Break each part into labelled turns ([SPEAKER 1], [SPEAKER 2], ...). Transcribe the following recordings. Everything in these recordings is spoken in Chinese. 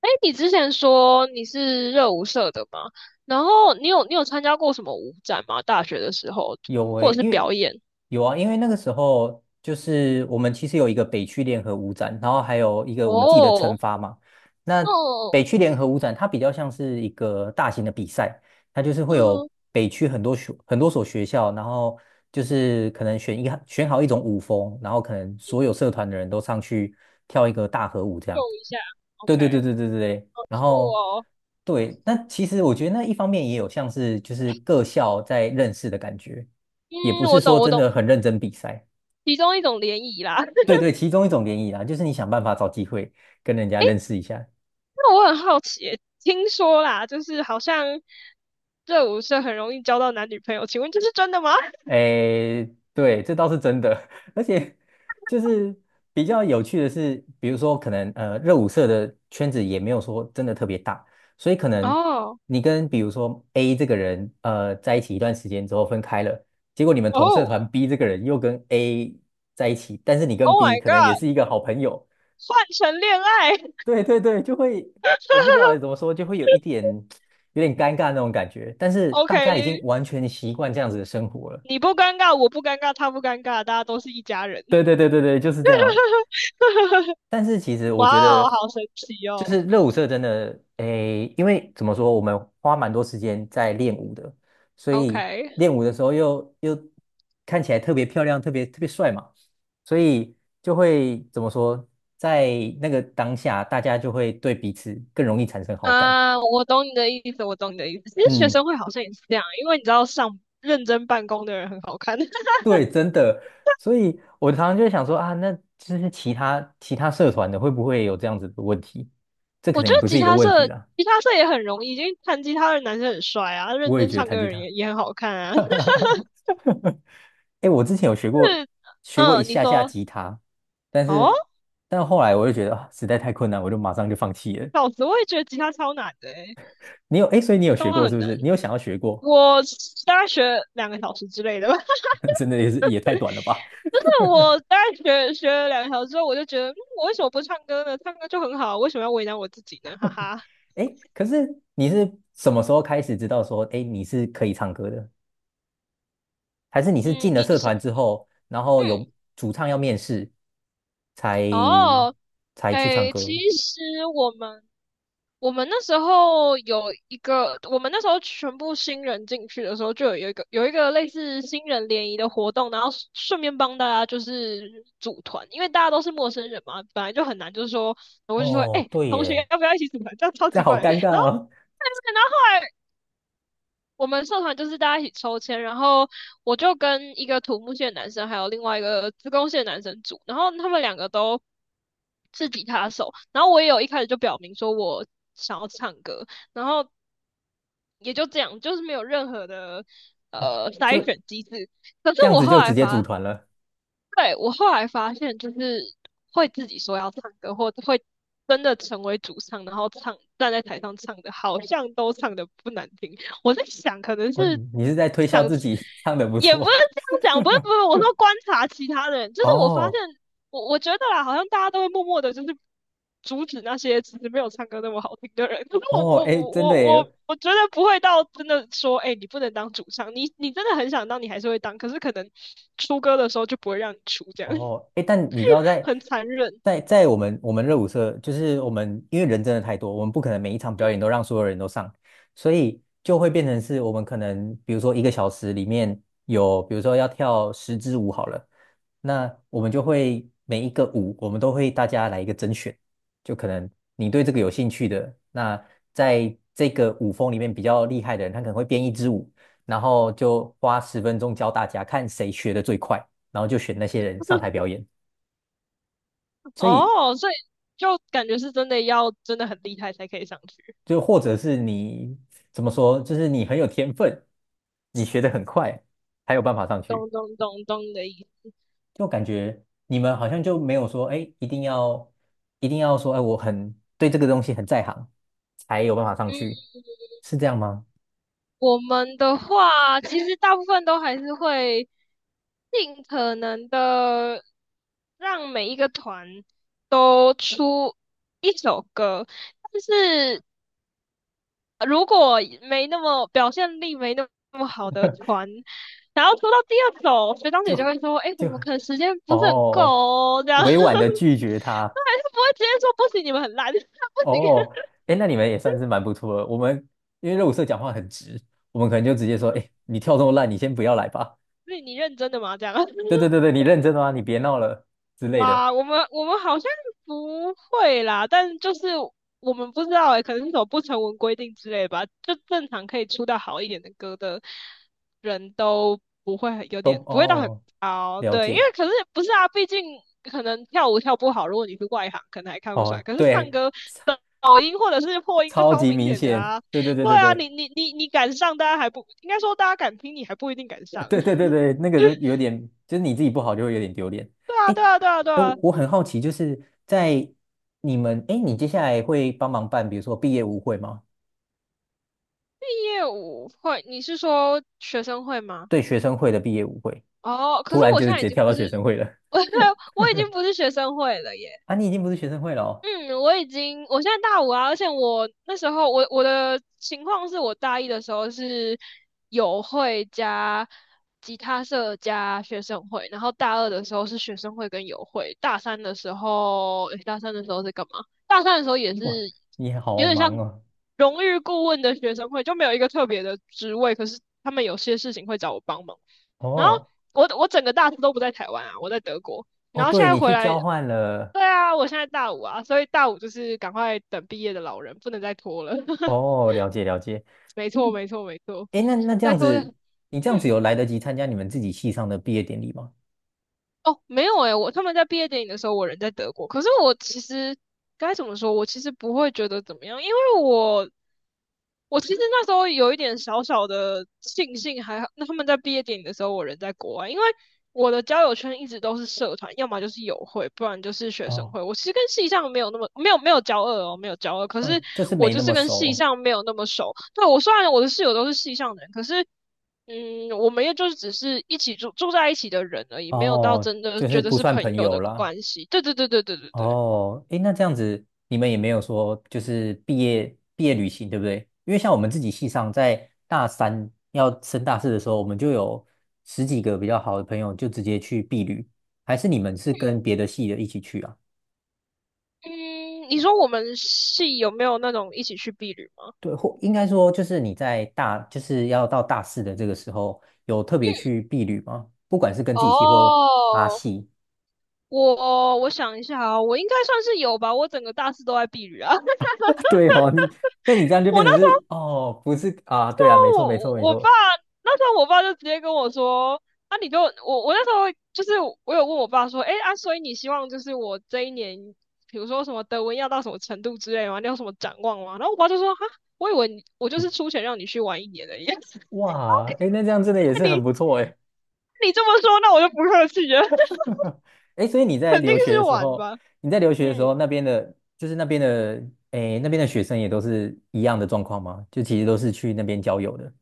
[SPEAKER 1] 哎，你之前说你是热舞社的嘛？然后你有参加过什么舞展吗？大学的时候，
[SPEAKER 2] 有
[SPEAKER 1] 或者
[SPEAKER 2] 诶、
[SPEAKER 1] 是
[SPEAKER 2] 因为
[SPEAKER 1] 表演？
[SPEAKER 2] 有啊，因为那个时候就是我们其实有一个北区联合舞展，然后还有一个我们自己的称
[SPEAKER 1] 哦。
[SPEAKER 2] 发嘛。那
[SPEAKER 1] 哦。
[SPEAKER 2] 北区联合舞展它比较像是一个大型的比赛，它就是会
[SPEAKER 1] 嗯
[SPEAKER 2] 有
[SPEAKER 1] 哼。
[SPEAKER 2] 北区很多所学校，然后就是可能选一选好一种舞风，然后可能所有社团的人都上去跳一个大合舞这
[SPEAKER 1] 秀
[SPEAKER 2] 样。
[SPEAKER 1] 一下
[SPEAKER 2] 对
[SPEAKER 1] ，OK。
[SPEAKER 2] 对对对对对对，然
[SPEAKER 1] 酷
[SPEAKER 2] 后
[SPEAKER 1] 哦。
[SPEAKER 2] 对，那其实我觉得那一方面也有像是就是各校在认识的感觉，
[SPEAKER 1] 嗯，
[SPEAKER 2] 也不是
[SPEAKER 1] 我
[SPEAKER 2] 说
[SPEAKER 1] 懂，我
[SPEAKER 2] 真
[SPEAKER 1] 懂。
[SPEAKER 2] 的很认真比赛。
[SPEAKER 1] 其中一种联谊啦。
[SPEAKER 2] 对 对，其中一种联谊啦，就是你想办法找机会跟人家认识一下。
[SPEAKER 1] 那我很好奇，听说啦，就是好像热舞社很容易交到男女朋友，请问这是真的吗？
[SPEAKER 2] 诶，对，这倒是真的，而且就是比较有趣的是，比如说可能热舞社的圈子也没有说真的特别大，所以可能
[SPEAKER 1] 哦。
[SPEAKER 2] 你跟比如说 A 这个人在一起一段时间之后分开了，结果你们同社
[SPEAKER 1] 哦
[SPEAKER 2] 团 B 这个人又跟 A 在一起，但是你跟
[SPEAKER 1] ，Oh
[SPEAKER 2] B
[SPEAKER 1] my
[SPEAKER 2] 可能也
[SPEAKER 1] God，
[SPEAKER 2] 是一个好朋友，
[SPEAKER 1] 换成恋爱。
[SPEAKER 2] 对对对，就会我不知道怎么说，就会有点尴尬那种感觉，但是大家已经
[SPEAKER 1] ，OK，
[SPEAKER 2] 完全习惯这样子的生活了。
[SPEAKER 1] 你不尴尬，我不尴尬，他不尴尬，大家都是一家人。
[SPEAKER 2] 对对对对对，就是这样。但是其实我
[SPEAKER 1] 哇
[SPEAKER 2] 觉
[SPEAKER 1] 哦，
[SPEAKER 2] 得，
[SPEAKER 1] 好神奇
[SPEAKER 2] 就
[SPEAKER 1] 哦。
[SPEAKER 2] 是热舞社真的，诶，因为怎么说，我们花蛮多时间在练舞的，所以
[SPEAKER 1] OK。
[SPEAKER 2] 练舞的时候又看起来特别漂亮，特别特别帅嘛，所以就会怎么说，在那个当下，大家就会对彼此更容易产生好感。
[SPEAKER 1] 啊，我懂你的意思，我懂你的意思。其实学
[SPEAKER 2] 嗯，
[SPEAKER 1] 生会好像也是这样啊，因为你知道上认真办公的人很好看。
[SPEAKER 2] 对，真的。所以我常常就会想说啊，那就是其他社团的会不会有这样子的问题？这可
[SPEAKER 1] 我
[SPEAKER 2] 能
[SPEAKER 1] 觉
[SPEAKER 2] 也
[SPEAKER 1] 得
[SPEAKER 2] 不是
[SPEAKER 1] 吉
[SPEAKER 2] 一个
[SPEAKER 1] 他
[SPEAKER 2] 问题
[SPEAKER 1] 社，
[SPEAKER 2] 啦，
[SPEAKER 1] 吉他社也很容易，因为弹吉他的男生很帅啊，认
[SPEAKER 2] 我也
[SPEAKER 1] 真
[SPEAKER 2] 觉得
[SPEAKER 1] 唱歌
[SPEAKER 2] 弹
[SPEAKER 1] 的
[SPEAKER 2] 吉
[SPEAKER 1] 人
[SPEAKER 2] 他。
[SPEAKER 1] 也很好看啊。就
[SPEAKER 2] 哎我之前有学过
[SPEAKER 1] 是
[SPEAKER 2] 一
[SPEAKER 1] 嗯，你
[SPEAKER 2] 下下
[SPEAKER 1] 说
[SPEAKER 2] 吉他，但
[SPEAKER 1] 哦，
[SPEAKER 2] 是但后来我就觉得啊，实在太困难，我就马上就放弃了。
[SPEAKER 1] 老子我也觉得吉他超难的欸，
[SPEAKER 2] 你有哎，诶所以你有学
[SPEAKER 1] 当然
[SPEAKER 2] 过是
[SPEAKER 1] 很
[SPEAKER 2] 不
[SPEAKER 1] 难。
[SPEAKER 2] 是？你有想要学过？
[SPEAKER 1] 我大概学2个小时之类的吧。
[SPEAKER 2] 真的也是也太短了吧？
[SPEAKER 1] 我大概学了2小时之后，我就觉得，嗯，我为什么不唱歌呢？唱歌就很好，为什么要为难我自己呢？哈哈。
[SPEAKER 2] 哎，可是你是什么时候开始知道说，哎，你是可以唱歌的？还是你是
[SPEAKER 1] 嗯，
[SPEAKER 2] 进了社团之后，然后
[SPEAKER 1] 嗯
[SPEAKER 2] 有主唱要面试，才
[SPEAKER 1] 哦，
[SPEAKER 2] 才去唱
[SPEAKER 1] 哎，其
[SPEAKER 2] 歌？
[SPEAKER 1] 实我们我们那时候有一个，我们那时候全部新人进去的时候，就有一个类似新人联谊的活动，然后顺便帮大家就是组团，因为大家都是陌生人嘛，本来就很难，就是说我就说，
[SPEAKER 2] 哦，
[SPEAKER 1] 哎，
[SPEAKER 2] 对
[SPEAKER 1] 同学
[SPEAKER 2] 耶，
[SPEAKER 1] 要不要一起组团？这样超
[SPEAKER 2] 这
[SPEAKER 1] 奇
[SPEAKER 2] 好
[SPEAKER 1] 怪的。
[SPEAKER 2] 尴尬
[SPEAKER 1] 然后
[SPEAKER 2] 哦。
[SPEAKER 1] 我们社团就是大家一起抽签，然后我就跟一个土木系的男生，还有另外一个资工系的男生组，然后他们两个都是吉他手，然后我也有一开始就表明说我想要唱歌，然后也就这样，就是没有任何的
[SPEAKER 2] 哦，
[SPEAKER 1] 筛
[SPEAKER 2] 就
[SPEAKER 1] 选机制。可是
[SPEAKER 2] 这样
[SPEAKER 1] 我
[SPEAKER 2] 子
[SPEAKER 1] 后
[SPEAKER 2] 就直
[SPEAKER 1] 来
[SPEAKER 2] 接组
[SPEAKER 1] 发
[SPEAKER 2] 团了。
[SPEAKER 1] 对，我后来发现，就是会自己说要唱歌，或者会真的成为主唱，然后站在台上唱的，好像都唱的不难听。我在想，可能
[SPEAKER 2] 哦，
[SPEAKER 1] 是
[SPEAKER 2] 你是在推销
[SPEAKER 1] 想，
[SPEAKER 2] 自己 唱的不
[SPEAKER 1] 也不是
[SPEAKER 2] 错。
[SPEAKER 1] 这样讲，不是不是，我说观察其他人，就是我发现，
[SPEAKER 2] 哦
[SPEAKER 1] 我觉得啦，好像大家都会默默的，就是阻止那些其实没有唱歌那么好听的人。可是我
[SPEAKER 2] 哦，
[SPEAKER 1] 我
[SPEAKER 2] 哎，真的
[SPEAKER 1] 我
[SPEAKER 2] 耶，
[SPEAKER 1] 我我觉得不会到真的说，哎、你不能当主唱，你真的很想当，你还是会当，可是可能出歌的时候就不会让你出，这样
[SPEAKER 2] 哦，哎，但你知道 在，
[SPEAKER 1] 很残忍
[SPEAKER 2] 我们热舞社，就是我们因为人真的太多，我们不可能每一场表演都让所有人都上，所以就会变成是我们可能比如说一个小时里面有，比如说要跳10支舞好了，那我们就会每一个舞我们都会大家来一个甄选，就可能你对这个有兴趣的，那在这个舞风里面比较厉害的人，他可能会编一支舞，然后就花10分钟教大家看谁学的最快。然后就选那些人上台表演。所以
[SPEAKER 1] 哦。所以就感觉是真的要真的很厉害才可以上去，
[SPEAKER 2] 就或者是你怎么说，就是你很有天分，你学得很快，才有办法上去。
[SPEAKER 1] 咚咚咚咚的意思。
[SPEAKER 2] 就感觉你们好像就没有说，哎，一定要说，哎，我很对这个东西很在行，才有办法上
[SPEAKER 1] 嗯，
[SPEAKER 2] 去，是这样吗？
[SPEAKER 1] 我们的话其实大部分都还是会尽可能的让每一个团都出一首歌，但是如果没那么表现力没那么好的团，然后拖到第二首，学长姐就
[SPEAKER 2] 就
[SPEAKER 1] 会说：“哎，我
[SPEAKER 2] 就
[SPEAKER 1] 们可能时间不是很够
[SPEAKER 2] 哦，
[SPEAKER 1] 哦这样。”他
[SPEAKER 2] 委婉的拒绝他。
[SPEAKER 1] 还是不会直接说不行，你们很烂，不行，
[SPEAKER 2] 哦，哎，那你们也算是蛮不错的。我们因为肉色讲话很直，我们可能就直接说，哎，你跳这么烂，你先不要来吧。
[SPEAKER 1] 是你认真的吗？这样。
[SPEAKER 2] 对对对对，你认真的吗？你别闹了之类的，
[SPEAKER 1] 哇，我们好像不会啦，但就是我们不知道诶、可能是种不成文规定之类吧。就正常可以出到好一点的歌的人都不会很有
[SPEAKER 2] 都
[SPEAKER 1] 点不会到很
[SPEAKER 2] 哦，
[SPEAKER 1] 高，
[SPEAKER 2] 了
[SPEAKER 1] 对，因
[SPEAKER 2] 解
[SPEAKER 1] 为可是不是啊，毕竟可能跳舞跳不好，如果你是外行，可能还看不出来。
[SPEAKER 2] 哦，
[SPEAKER 1] 可是唱
[SPEAKER 2] 对，
[SPEAKER 1] 歌的抖音或者是破音就
[SPEAKER 2] 超
[SPEAKER 1] 超
[SPEAKER 2] 级
[SPEAKER 1] 明
[SPEAKER 2] 明
[SPEAKER 1] 显的
[SPEAKER 2] 显，
[SPEAKER 1] 啊，
[SPEAKER 2] 对对对
[SPEAKER 1] 对
[SPEAKER 2] 对
[SPEAKER 1] 啊，
[SPEAKER 2] 对，
[SPEAKER 1] 你敢上，大家还不应该说大家敢听，你还不一定敢上。
[SPEAKER 2] 对对对 对，那个都有点，就是你自己不好就会有点丢脸。
[SPEAKER 1] 对啊，
[SPEAKER 2] 哎
[SPEAKER 1] 对啊，对啊，对
[SPEAKER 2] 哎，我
[SPEAKER 1] 啊。
[SPEAKER 2] 我很好奇，就是在你们，哎，你接下来会帮忙办，比如说毕业舞会吗？
[SPEAKER 1] 业务会，你是说学生会吗？
[SPEAKER 2] 对，学生会的毕业舞会，
[SPEAKER 1] 哦，可
[SPEAKER 2] 突
[SPEAKER 1] 是
[SPEAKER 2] 然
[SPEAKER 1] 我
[SPEAKER 2] 就是
[SPEAKER 1] 现
[SPEAKER 2] 直
[SPEAKER 1] 在已
[SPEAKER 2] 接
[SPEAKER 1] 经
[SPEAKER 2] 跳到
[SPEAKER 1] 不是，
[SPEAKER 2] 学生会了
[SPEAKER 1] 我我已经不是学生会了耶。
[SPEAKER 2] 啊！你已经不是学生会了哦，
[SPEAKER 1] 嗯，我已经，我现在大五啊，而且我那时候我的情况是我大一的时候是友会加吉他社加学生会，然后大二的时候是学生会跟友会，大三的时候是干嘛？大三的时候也
[SPEAKER 2] 哇，
[SPEAKER 1] 是
[SPEAKER 2] 你
[SPEAKER 1] 有
[SPEAKER 2] 好
[SPEAKER 1] 点
[SPEAKER 2] 忙
[SPEAKER 1] 像
[SPEAKER 2] 哦，
[SPEAKER 1] 荣誉顾问的学生会，就没有一个特别的职位，可是他们有些事情会找我帮忙。然后
[SPEAKER 2] 哦
[SPEAKER 1] 我整个大四都不在台湾啊，我在德国。
[SPEAKER 2] 哦，
[SPEAKER 1] 然后现
[SPEAKER 2] 对，
[SPEAKER 1] 在
[SPEAKER 2] 你
[SPEAKER 1] 回
[SPEAKER 2] 去
[SPEAKER 1] 来，
[SPEAKER 2] 交换了，
[SPEAKER 1] 对啊，我现在大五啊，所以大五就是赶快等毕业的老人，不能再拖了。
[SPEAKER 2] 哦，了解了解。
[SPEAKER 1] 没
[SPEAKER 2] 诶
[SPEAKER 1] 错，没错，没错。
[SPEAKER 2] 哎，那这
[SPEAKER 1] 再
[SPEAKER 2] 样
[SPEAKER 1] 拖下。
[SPEAKER 2] 子，
[SPEAKER 1] 嗯
[SPEAKER 2] 你这样子有来得及参加你们自己系上的毕业典礼吗？
[SPEAKER 1] 哦，没有诶，他们在毕业典礼的时候，我人在德国。可是我其实该怎么说？我其实不会觉得怎么样，因为我其实那时候有一点小小的庆幸，还好，那他们在毕业典礼的时候，我人在国外，因为我的交友圈一直都是社团，要么就是友会，不然就是学生
[SPEAKER 2] 哦，
[SPEAKER 1] 会。我其实跟系上没有那么没有交恶哦，没有交恶，可是
[SPEAKER 2] 就是
[SPEAKER 1] 我
[SPEAKER 2] 没
[SPEAKER 1] 就
[SPEAKER 2] 那
[SPEAKER 1] 是
[SPEAKER 2] 么
[SPEAKER 1] 跟系
[SPEAKER 2] 熟，
[SPEAKER 1] 上没有那么熟。对，我虽然我的室友都是系上的人，可是嗯，我们也就是只是一起住在一起的人而已，没有到
[SPEAKER 2] 哦，
[SPEAKER 1] 真的
[SPEAKER 2] 就是
[SPEAKER 1] 觉得
[SPEAKER 2] 不
[SPEAKER 1] 是
[SPEAKER 2] 算
[SPEAKER 1] 朋
[SPEAKER 2] 朋
[SPEAKER 1] 友
[SPEAKER 2] 友
[SPEAKER 1] 的
[SPEAKER 2] 啦。
[SPEAKER 1] 关系。对对对对对对对。
[SPEAKER 2] 哦，哎，那这样子，你们也没有说就是毕业旅行，对不对？因为像我们自己系上，在大三要升大四的时候，我们就有十几个比较好的朋友就直接去毕旅，还是你们是跟别的系的一起去啊？
[SPEAKER 1] 嗯，你说我们系有没有那种一起去避旅吗？
[SPEAKER 2] 对，或应该说就是你在大，就是要到大四的这个时候，有特别去避旅吗？不管是跟自
[SPEAKER 1] 哦，
[SPEAKER 2] 己系或阿系。
[SPEAKER 1] 我想一下啊，我应该算是有吧，我整个大四都在避雨啊。
[SPEAKER 2] 对哦，那你这样就
[SPEAKER 1] 我
[SPEAKER 2] 变
[SPEAKER 1] 那
[SPEAKER 2] 成
[SPEAKER 1] 时
[SPEAKER 2] 是哦，不是啊，对啊，没
[SPEAKER 1] 候
[SPEAKER 2] 错，没
[SPEAKER 1] 我
[SPEAKER 2] 错，没
[SPEAKER 1] 我爸
[SPEAKER 2] 错。
[SPEAKER 1] 那时候我爸就直接跟我说，啊你就我我那时候就是我有问我爸说，哎啊，所以你希望就是我这一年，比如说什么德文要到什么程度之类的吗？你有什么展望吗？然后我爸就说，哈，我以为你我就是出钱让你去玩一年的样子。
[SPEAKER 2] 哇，
[SPEAKER 1] OK，
[SPEAKER 2] 哎，那这样真的也是
[SPEAKER 1] 那
[SPEAKER 2] 很
[SPEAKER 1] 你
[SPEAKER 2] 不错哎。
[SPEAKER 1] 你这么说，那我就不客气了，
[SPEAKER 2] 哎，所以
[SPEAKER 1] 肯定是玩吧。
[SPEAKER 2] 你在留学的时
[SPEAKER 1] 嗯
[SPEAKER 2] 候，那边的，哎，那边的学生也都是一样的状况吗？就其实都是去那边交友的。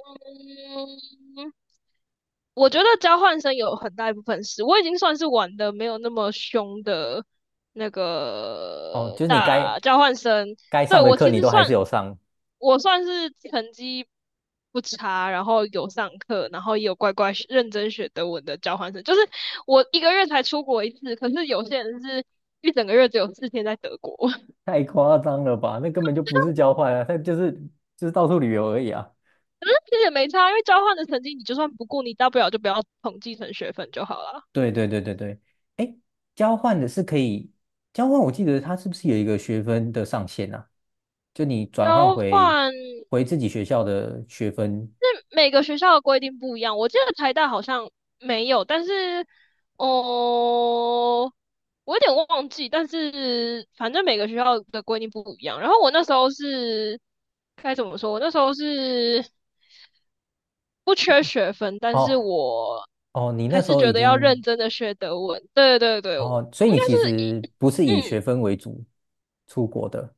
[SPEAKER 1] 嗯，我觉得交换生有很大一部分是，我已经算是玩的没有那么凶的那
[SPEAKER 2] 哦，
[SPEAKER 1] 个
[SPEAKER 2] 就是你该
[SPEAKER 1] 大交换生。
[SPEAKER 2] 该
[SPEAKER 1] 对，
[SPEAKER 2] 上的课你都还是有上，
[SPEAKER 1] 我算是成绩不差，然后有上课，然后也有乖乖学认真学德文的交换生。就是我一个月才出国一次，可是有些人是一整个月只有4天在德国，
[SPEAKER 2] 太夸张了吧？那根本就不是交换啊，他就是到处旅游而已啊。
[SPEAKER 1] 可是其实也没差，因为交换的成绩你就算不顾，你大不了就不要统计成学分就好了。
[SPEAKER 2] 对对对对对，哎，交换的是可以交换，我记得它是不是有一个学分的上限啊？就你转换
[SPEAKER 1] 交
[SPEAKER 2] 回
[SPEAKER 1] 换。
[SPEAKER 2] 回自己学校的学分，
[SPEAKER 1] 是每个学校的规定不一样，我记得台大好像没有，但是哦，我有点忘记，但是反正每个学校的规定不一样。然后我那时候是该怎么说？我那时候是不缺学分，但
[SPEAKER 2] 哦
[SPEAKER 1] 是我
[SPEAKER 2] 哦，你那
[SPEAKER 1] 还
[SPEAKER 2] 时
[SPEAKER 1] 是
[SPEAKER 2] 候
[SPEAKER 1] 觉
[SPEAKER 2] 已
[SPEAKER 1] 得要认
[SPEAKER 2] 经
[SPEAKER 1] 真的学德文。对对对，我
[SPEAKER 2] 哦，所以
[SPEAKER 1] 应
[SPEAKER 2] 你
[SPEAKER 1] 该
[SPEAKER 2] 其
[SPEAKER 1] 是
[SPEAKER 2] 实不是以
[SPEAKER 1] 嗯，
[SPEAKER 2] 学分为主出国的。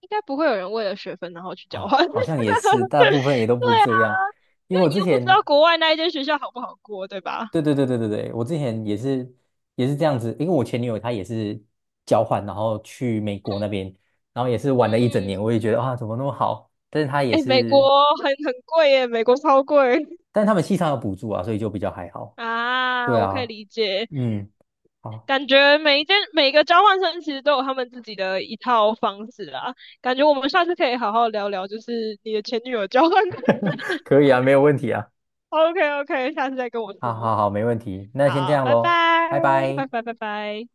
[SPEAKER 1] 应该不会有人为了学分然后去交
[SPEAKER 2] 啊、
[SPEAKER 1] 换。对
[SPEAKER 2] 好像也是，大部分也都不是
[SPEAKER 1] 啊，
[SPEAKER 2] 这样。因
[SPEAKER 1] 因
[SPEAKER 2] 为我
[SPEAKER 1] 为你
[SPEAKER 2] 之
[SPEAKER 1] 又不知道
[SPEAKER 2] 前
[SPEAKER 1] 国外那一间学校好不好过，对吧？
[SPEAKER 2] 对对对对对对，我之前也是这样子，因为我前女友她也是交换，然后去美国那边，然后也是玩了一整年，
[SPEAKER 1] 嗯，
[SPEAKER 2] 我也觉得啊怎么那么好，但是她也
[SPEAKER 1] 哎，美国
[SPEAKER 2] 是，
[SPEAKER 1] 很贵耶，美国超贵
[SPEAKER 2] 但是他们系上有补助啊，所以就比较还好。
[SPEAKER 1] 啊，
[SPEAKER 2] 对
[SPEAKER 1] 我可以
[SPEAKER 2] 啊，
[SPEAKER 1] 理解。
[SPEAKER 2] 嗯，好，
[SPEAKER 1] 感觉每一件每个交换生其实都有他们自己的一套方式啊。感觉我们下次可以好好聊聊，就是你的前女友交换。
[SPEAKER 2] 可以啊，没有问题啊，
[SPEAKER 1] OK OK，下次再跟我
[SPEAKER 2] 好
[SPEAKER 1] 说。
[SPEAKER 2] 好好，没问题，那先这
[SPEAKER 1] 好，
[SPEAKER 2] 样
[SPEAKER 1] 拜
[SPEAKER 2] 喽，
[SPEAKER 1] 拜，
[SPEAKER 2] 拜拜。
[SPEAKER 1] 拜拜拜拜。